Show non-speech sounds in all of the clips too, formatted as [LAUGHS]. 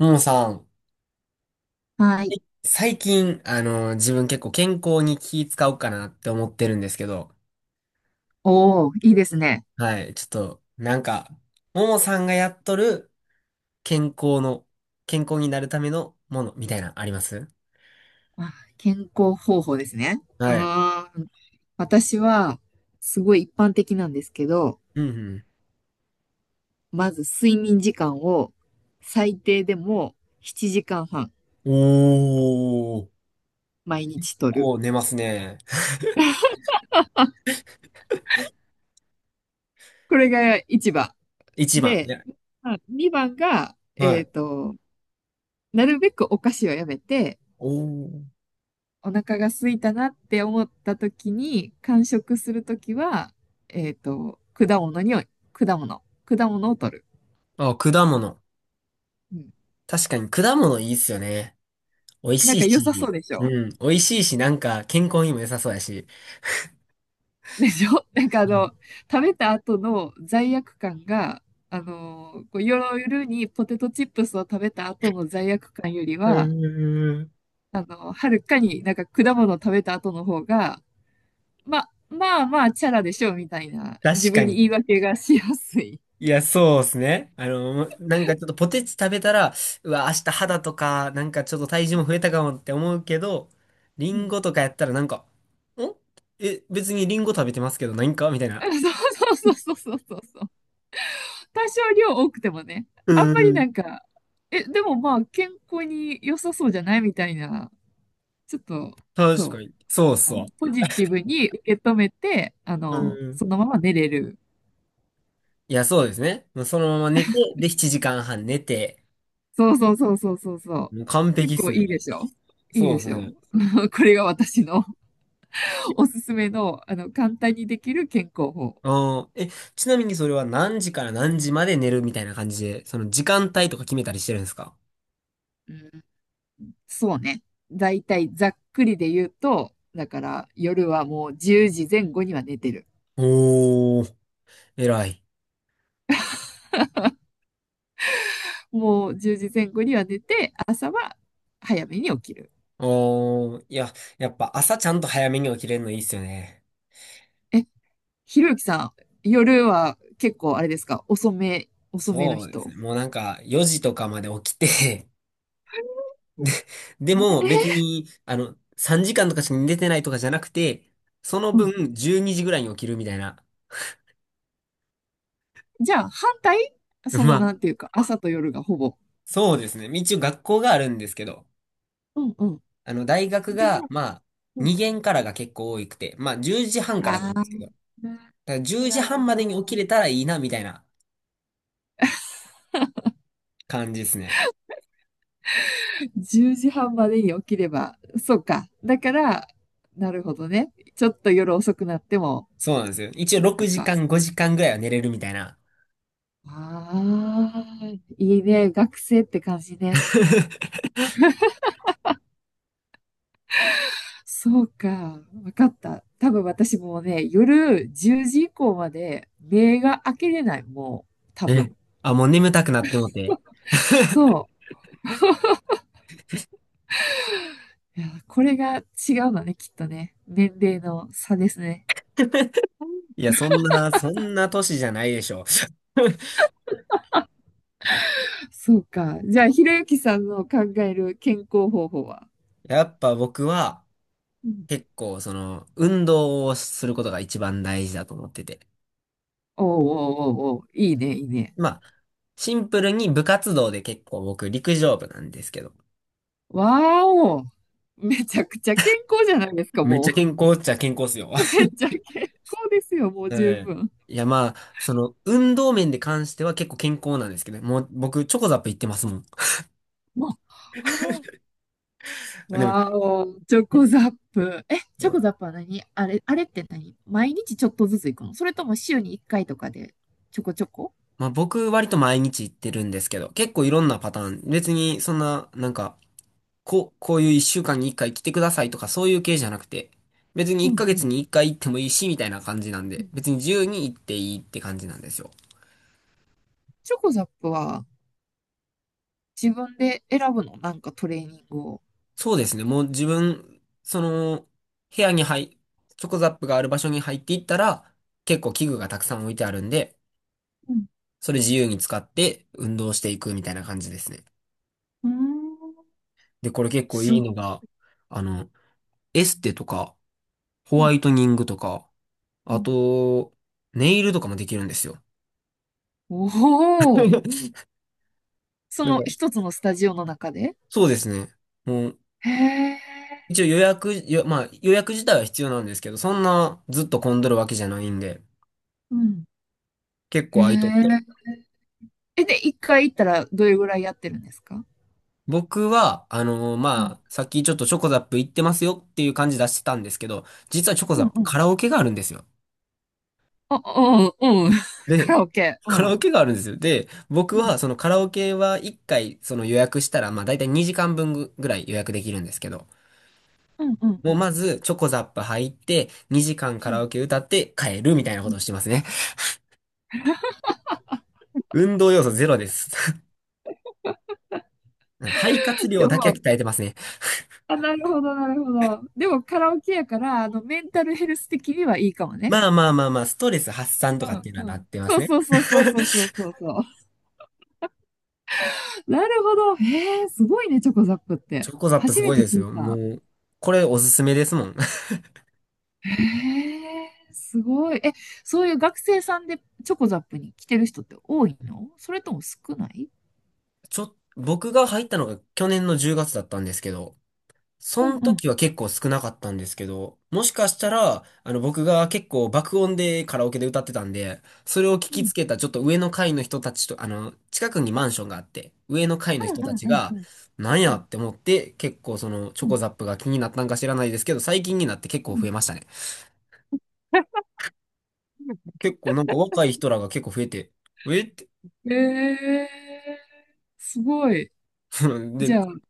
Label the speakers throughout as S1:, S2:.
S1: ももさん、
S2: はい。
S1: 最近、自分結構健康に気使おうかなって思ってるんですけど、
S2: おお、いいですね。
S1: はい、ちょっと、なんか、ももさんがやっとる健康の、健康になるためのものみたいな、あります？
S2: あ、健康方法ですね。う
S1: はい。
S2: ーん。私は、すごい一般的なんですけど、
S1: うん、
S2: まず睡眠時間を最低でも7時間半
S1: うん。おー、
S2: 毎日とる。
S1: こう寝ますね。[LAUGHS]
S2: これが一番。
S1: 一番。い
S2: で、
S1: や、
S2: まあ2番が、
S1: はい。
S2: なるべくお菓子をやめて、
S1: おー。
S2: お腹が空いたなって思った時に、間食するときは、果物に、果物を取る。
S1: あ、果物。
S2: うん、
S1: 確かに果物いいっすよね。美味
S2: なん
S1: しい
S2: か良さそ
S1: し、
S2: うでし
S1: う
S2: ょ。
S1: ん、美味しいし、なんか健康にも良さそうやし。
S2: [LAUGHS] でしょ、なんか
S1: うん。
S2: 食べた後の罪悪感が、こう夜にポテトチップスを食べた後の罪悪感より
S1: う
S2: は、
S1: ーん、
S2: はるかになんか果物を食べた後の方が、ま、あまあまあ、チャラでしょうみたいな、自
S1: 確か
S2: 分に
S1: に。
S2: 言い訳がしやすい。
S1: いや、そうですね。なんかちょっとポテチ食べたら、うわ、明日肌とか、なんかちょっと体重も増えたかもって思うけど、リ
S2: う
S1: ン
S2: ん。
S1: ゴとかやったらなんか、んえ、別にリンゴ食べてますけど、何かみたい
S2: [LAUGHS]
S1: な。
S2: あ、そうそうそうそうそうそう。多少量多くてもね、
S1: う
S2: あんまりな
S1: ん。
S2: んか、え、でもまあ、健康に良さそうじゃないみたいな、ちょっと、
S1: 確か
S2: そ
S1: に。そう
S2: う。
S1: そ
S2: のポジティブに受け止めて、
S1: う。うん。
S2: そのまま寝れる。
S1: いや、そうですね。もうそのまま寝て、で、7時間半寝て、
S2: そうそうそうそうそうそう。
S1: もう完
S2: 結
S1: 璧っす
S2: 構
S1: ね。
S2: いいでしょ。いい
S1: そう
S2: で
S1: です
S2: しょ。
S1: ね。
S2: [LAUGHS] これが私の [LAUGHS] おすすめの、簡単にできる健康法。
S1: あん。ちなみにそれは何時から何時まで寝るみたいな感じで、その時間帯とか決めたりしてるんですか？
S2: うん、そうね。だいたいざっくりで言うと、だから夜はもう10時前後には寝てる。
S1: おー、偉い。
S2: もう10時前後には寝て、あ、早めに起きる。
S1: おー、いや、やっぱ朝ちゃんと早めに起きれるのいいっすよね。
S2: え、ひろゆきさん、夜は結構あれですか、遅めの
S1: そうです
S2: 人？
S1: ね。もうなんか4時とかまで起きて [LAUGHS] で、で
S2: え
S1: も別
S2: ー
S1: に、3時間とかしか寝てないとかじゃなくて、その
S2: うん。
S1: 分12時ぐらいに起きるみたいな。
S2: じゃあ、反対、
S1: [LAUGHS]
S2: そ
S1: ま
S2: の、
S1: あ、
S2: なんていうか、朝と夜がほぼ。
S1: そうですね。一応学校があるんですけど、
S2: うんうん。
S1: 大学
S2: で
S1: が、
S2: も、
S1: まあ、
S2: うん。
S1: 2限からが結構多くて、まあ、10時半からな
S2: あ
S1: んで
S2: あ、
S1: すけど、だから10時
S2: なる
S1: 半ま
S2: ほ
S1: で
S2: ど。
S1: に起きれたらいいな、みたいな感じですね。
S2: 10時半までに起きれば、そうか。だから、なるほどね。ちょっと夜遅くなっても、
S1: そうなんですよ。一応
S2: なんと
S1: 6
S2: か。
S1: 時間、5時間ぐらいは寝れるみたいな。
S2: ああ、いいね。学生って感じね。
S1: [LAUGHS]
S2: そうか。わかった。多分私もうね、夜10時以降まで目が開けれない。もう、多
S1: え、
S2: 分。
S1: あ、もう眠たくなってもて。
S2: そう。いや、これが違うのね、きっとね。年齢の差ですね。
S1: いや、そんな、そんな年じゃないでしょ。[LAUGHS]
S2: そうか。じゃあ、ひろゆきさんの考える健康方法は？
S1: やっぱ僕は、
S2: うん、
S1: 結構、運動をすることが一番大事だと思ってて。
S2: おうおうおうおう、いいね、いいね。
S1: まあ、シンプルに部活動で結構僕、陸上部なんですけど。
S2: わーお、めちゃくちゃ健康じゃないですか、
S1: めっち
S2: も
S1: ゃ
S2: う。
S1: 健康っちゃ健康っすよ。
S2: めっ
S1: [LAUGHS]
S2: ちゃ健康ですよ、もう
S1: う
S2: 十
S1: ん。
S2: 分。
S1: いや、まあ、運動面で関しては結構健康なんですけど、もう僕、チョコザップ行ってますもん。
S2: もう、あー、
S1: あ、でも、
S2: わーお、チョ
S1: ね。
S2: コザップ。え、チ
S1: う
S2: ョコ
S1: ん。
S2: ザップは何あれ、あれって何、毎日ちょっとずつ行くの、それとも週に1回とかで、ちょこちょこ。
S1: まあ、僕割と毎日行ってるんですけど、結構いろんなパターン、別にそんな、なんか、こういう一週間に一回来てくださいとかそういう系じゃなくて、別に
S2: う
S1: 一
S2: ん
S1: ヶ
S2: う
S1: 月
S2: ん。
S1: に一回行ってもいいし、みたいな感じなんで、別に自由に行っていいって感じなんですよ。
S2: チョコザップは、自分で選ぶの、なんかトレーニングを？
S1: そうですね、もう自分、部屋に入、チョコザップがある場所に入っていったら、結構器具がたくさん置いてあるんで、
S2: うん。
S1: それ自由に使って運動していくみたいな感じですね。
S2: うーん。
S1: で、これ結構い
S2: す
S1: い
S2: ご、
S1: のが、あの、エステとか、ホ
S2: うん。
S1: ワイトニングとか、
S2: う
S1: あ
S2: ん。
S1: と、ネイルとかもできるんですよ。
S2: おお、
S1: [LAUGHS] だか
S2: そ
S1: ら
S2: の一つのスタジオの中で。
S1: そうですね。もう、
S2: へえ、
S1: 一応予約、よまあ予約自体は必要なんですけど、そんなずっと混んどるわけじゃないんで、
S2: うん。
S1: 結
S2: へ
S1: 構
S2: え。
S1: 空いとって。
S2: え、で、一回行ったらどれぐらいやってるんですか？
S1: 僕は、
S2: うん。
S1: まあ、さっきちょっとチョコザップ行ってますよっていう感じ出してたんですけど、実はチョコ
S2: う
S1: ザッ
S2: ん
S1: プ
S2: うん。
S1: カラオケがあるんですよ。
S2: あ、うん、うん。[LAUGHS]
S1: で、
S2: カラオケ。う
S1: カラ
S2: ん。
S1: オケがあるんですよ。で、僕
S2: う
S1: は
S2: ん。
S1: そのカラオケは1回予約したら、まあ大体2時間分ぐぐらい予約できるんですけど、
S2: うん、うん、う
S1: もう
S2: ん。
S1: まずチョコザップ入って、2時間
S2: う
S1: カラ
S2: ん
S1: オケ歌って帰るみたいなこ
S2: う
S1: とを
S2: ん。
S1: してますね。[LAUGHS] 運動要素ゼロです。うん。肺活量
S2: で
S1: だけは
S2: も、
S1: 鍛えてますね。
S2: あ、なるほど、なるほど。でもカラオケやから、メンタルヘルス的にはいいかもね。
S1: まあまあまあまあ、ストレス発散
S2: う
S1: とかっていうのは
S2: ん、う
S1: なっ
S2: ん。
S1: てま
S2: そ
S1: す
S2: う
S1: ね。
S2: そうそうそうそうそうそう。なるほど。へえ、すごいね、チョコザップっ
S1: チ
S2: て。
S1: ョコザップ
S2: 初
S1: す
S2: め
S1: ごい
S2: て
S1: です
S2: 聞い
S1: よ。も
S2: た。
S1: う、これおすすめですもん。[LAUGHS]
S2: へえ、すごい。え、そういう学生さんでチョコザップに来てる人って多いの、それとも少ない？
S1: 僕が入ったのが去年の10月だったんですけど、そ
S2: うん
S1: の
S2: うん。
S1: 時は結構少なかったんですけど、もしかしたら、僕が結構爆音でカラオケで歌ってたんで、それを聞
S2: う
S1: き
S2: ん
S1: つけたちょっと上の階の人たちと、近くにマンションがあって、上の階の
S2: う
S1: 人
S2: ん
S1: た
S2: うん
S1: ち
S2: うん
S1: が、
S2: うん
S1: なん
S2: う
S1: や
S2: ん
S1: って思って、結構そのチ
S2: う
S1: ョコ
S2: ん
S1: ザップが気になったんか知らないですけど、最近になって結構増
S2: う
S1: えましたね。結構なんか若い人らが結構増えて、えって、
S2: ん。へえ、すごい。
S1: [LAUGHS]
S2: じ
S1: で、
S2: ゃあ、うん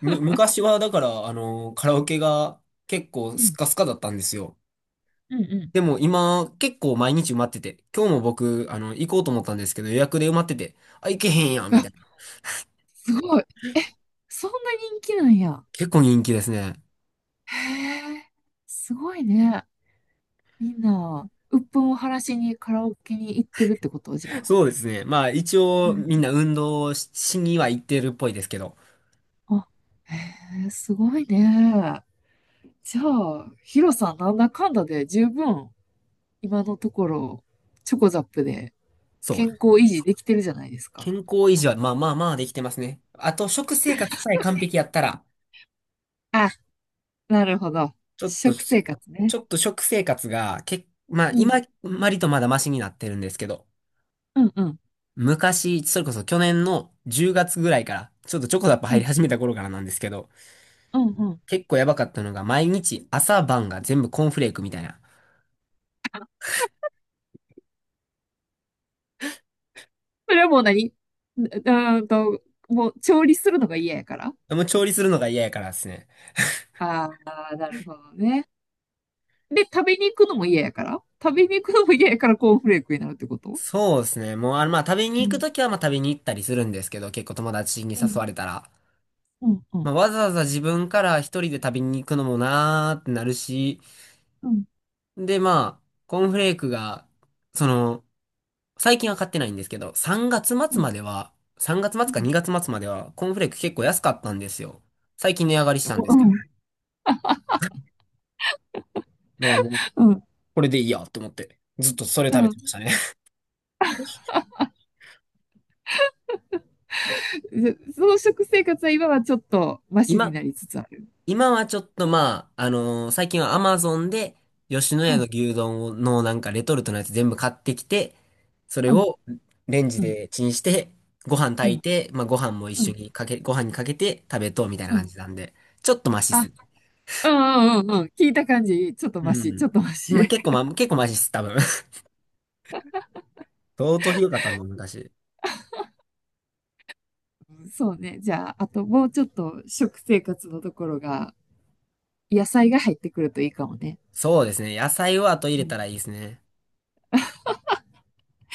S1: 昔はだから、カラオケが結構
S2: う
S1: スッ
S2: ん
S1: カスカだったんですよ。
S2: うん、
S1: でも今結構毎日埋まってて、今日も僕、行こうと思ったんですけど予約で埋まってて、あ、行けへんやん、み
S2: あ、
S1: たいな。
S2: すごい。え、そんな人気なんや。
S1: 結構人気ですね。
S2: へえ、すごいね。みんな、鬱憤を晴らしにカラオケに行ってるってことじゃん。
S1: そうですね。まあ一応みんな運動しには行ってるっぽいですけど、
S2: あ、へえ、すごいね。じゃあ、ヒロさん、なんだかんだで十分、今のところ、チョコザップで
S1: そう。
S2: 健康維持できてるじゃないですか。
S1: 健康維持はまあまあまあできてますね。あと食生活さえ完璧やったら、
S2: あ、なるほど。
S1: ちょっと、
S2: 食
S1: ち
S2: 生活ね。
S1: ょっと食生活が、まあ
S2: うん。
S1: 今、割とまだマシになってるんですけど、
S2: うんうん。
S1: 昔、それこそ去年の10月ぐらいから、ちょっとチョコザップ
S2: う
S1: 入り
S2: ん。
S1: 始めた頃からなんですけど、
S2: うんうん。
S1: 結構やばかったのが、毎日朝晩が全部コーンフレークみたいな。
S2: それはもう何、うーんと、もう調理するのが嫌やから？
S1: もう調理するのが嫌やからですね。
S2: ああー、なるほどね。で、食べに行くのも嫌やから、食べに行くのも嫌やからコーンフレークになるってこと？
S1: そうですね。もう、まあ、食べに
S2: う
S1: 行く
S2: ん。
S1: ときは、まあ、食べに行ったりするんですけど、結構友達に
S2: う
S1: 誘
S2: ん。
S1: われたら。
S2: うん。う
S1: まあ、
S2: ん。
S1: わざわざ自分から一人で食べに行くのもなーってなるし、
S2: うん。
S1: で、まあ、コーンフレークが、その、最近は買ってないんですけど、3月
S2: う
S1: 末ま
S2: ん。
S1: では、3月末
S2: う
S1: か
S2: ん
S1: 2月末までは、コーンフレーク結構安かったんですよ。最近値上がりしたんです
S2: う
S1: けど。
S2: ん、
S1: だからもう、
S2: うん、
S1: これでいいやと思って、ずっとそれ
S2: う
S1: 食べ
S2: ん。
S1: てましたね。
S2: その食生活は今はちょっとマシに
S1: 今、
S2: なりつつある。
S1: 今はちょっとまあ、最近はアマゾンで、吉野
S2: う
S1: 家の
S2: ん、
S1: 牛丼のなんかレトルトのやつ全部買ってきて、それ
S2: うん、
S1: をレンジ
S2: うん、
S1: でチンして、ご飯
S2: う
S1: 炊い
S2: ん、
S1: て、まあご飯も一
S2: う
S1: 緒
S2: ん、
S1: にかけ、ご飯にかけて食べとうみたいな
S2: う
S1: 感
S2: ん。
S1: じなんで、ちょっとマシっ
S2: あ、
S1: す。
S2: うんうんうんうん。聞いた感じ、ちょっと
S1: う
S2: マシ、ちょ
S1: ん。
S2: っとマ
S1: まあ
S2: シ。
S1: 結構マシっす、多分。[LAUGHS] 相当ひどかったんだ、昔。
S2: うん、そうね。じゃあ、あともうちょっと食生活のところが、野菜が入ってくるといいかもね。
S1: そうですね。野菜を後入
S2: う
S1: れた
S2: ん、
S1: らいいですね。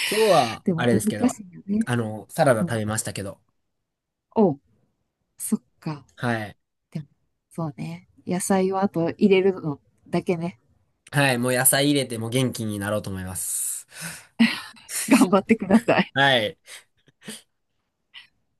S1: 今日は、
S2: で
S1: あ
S2: も
S1: れで
S2: 難
S1: すけど、
S2: しいよね。
S1: サラダ
S2: う
S1: 食
S2: ん。
S1: べましたけど。
S2: お、そっか。
S1: はい。
S2: でも、そうね。野菜をあと入れるのだけね。
S1: はい、もう野菜入れても元気になろうと思います。
S2: 頑張ってください。
S1: はい。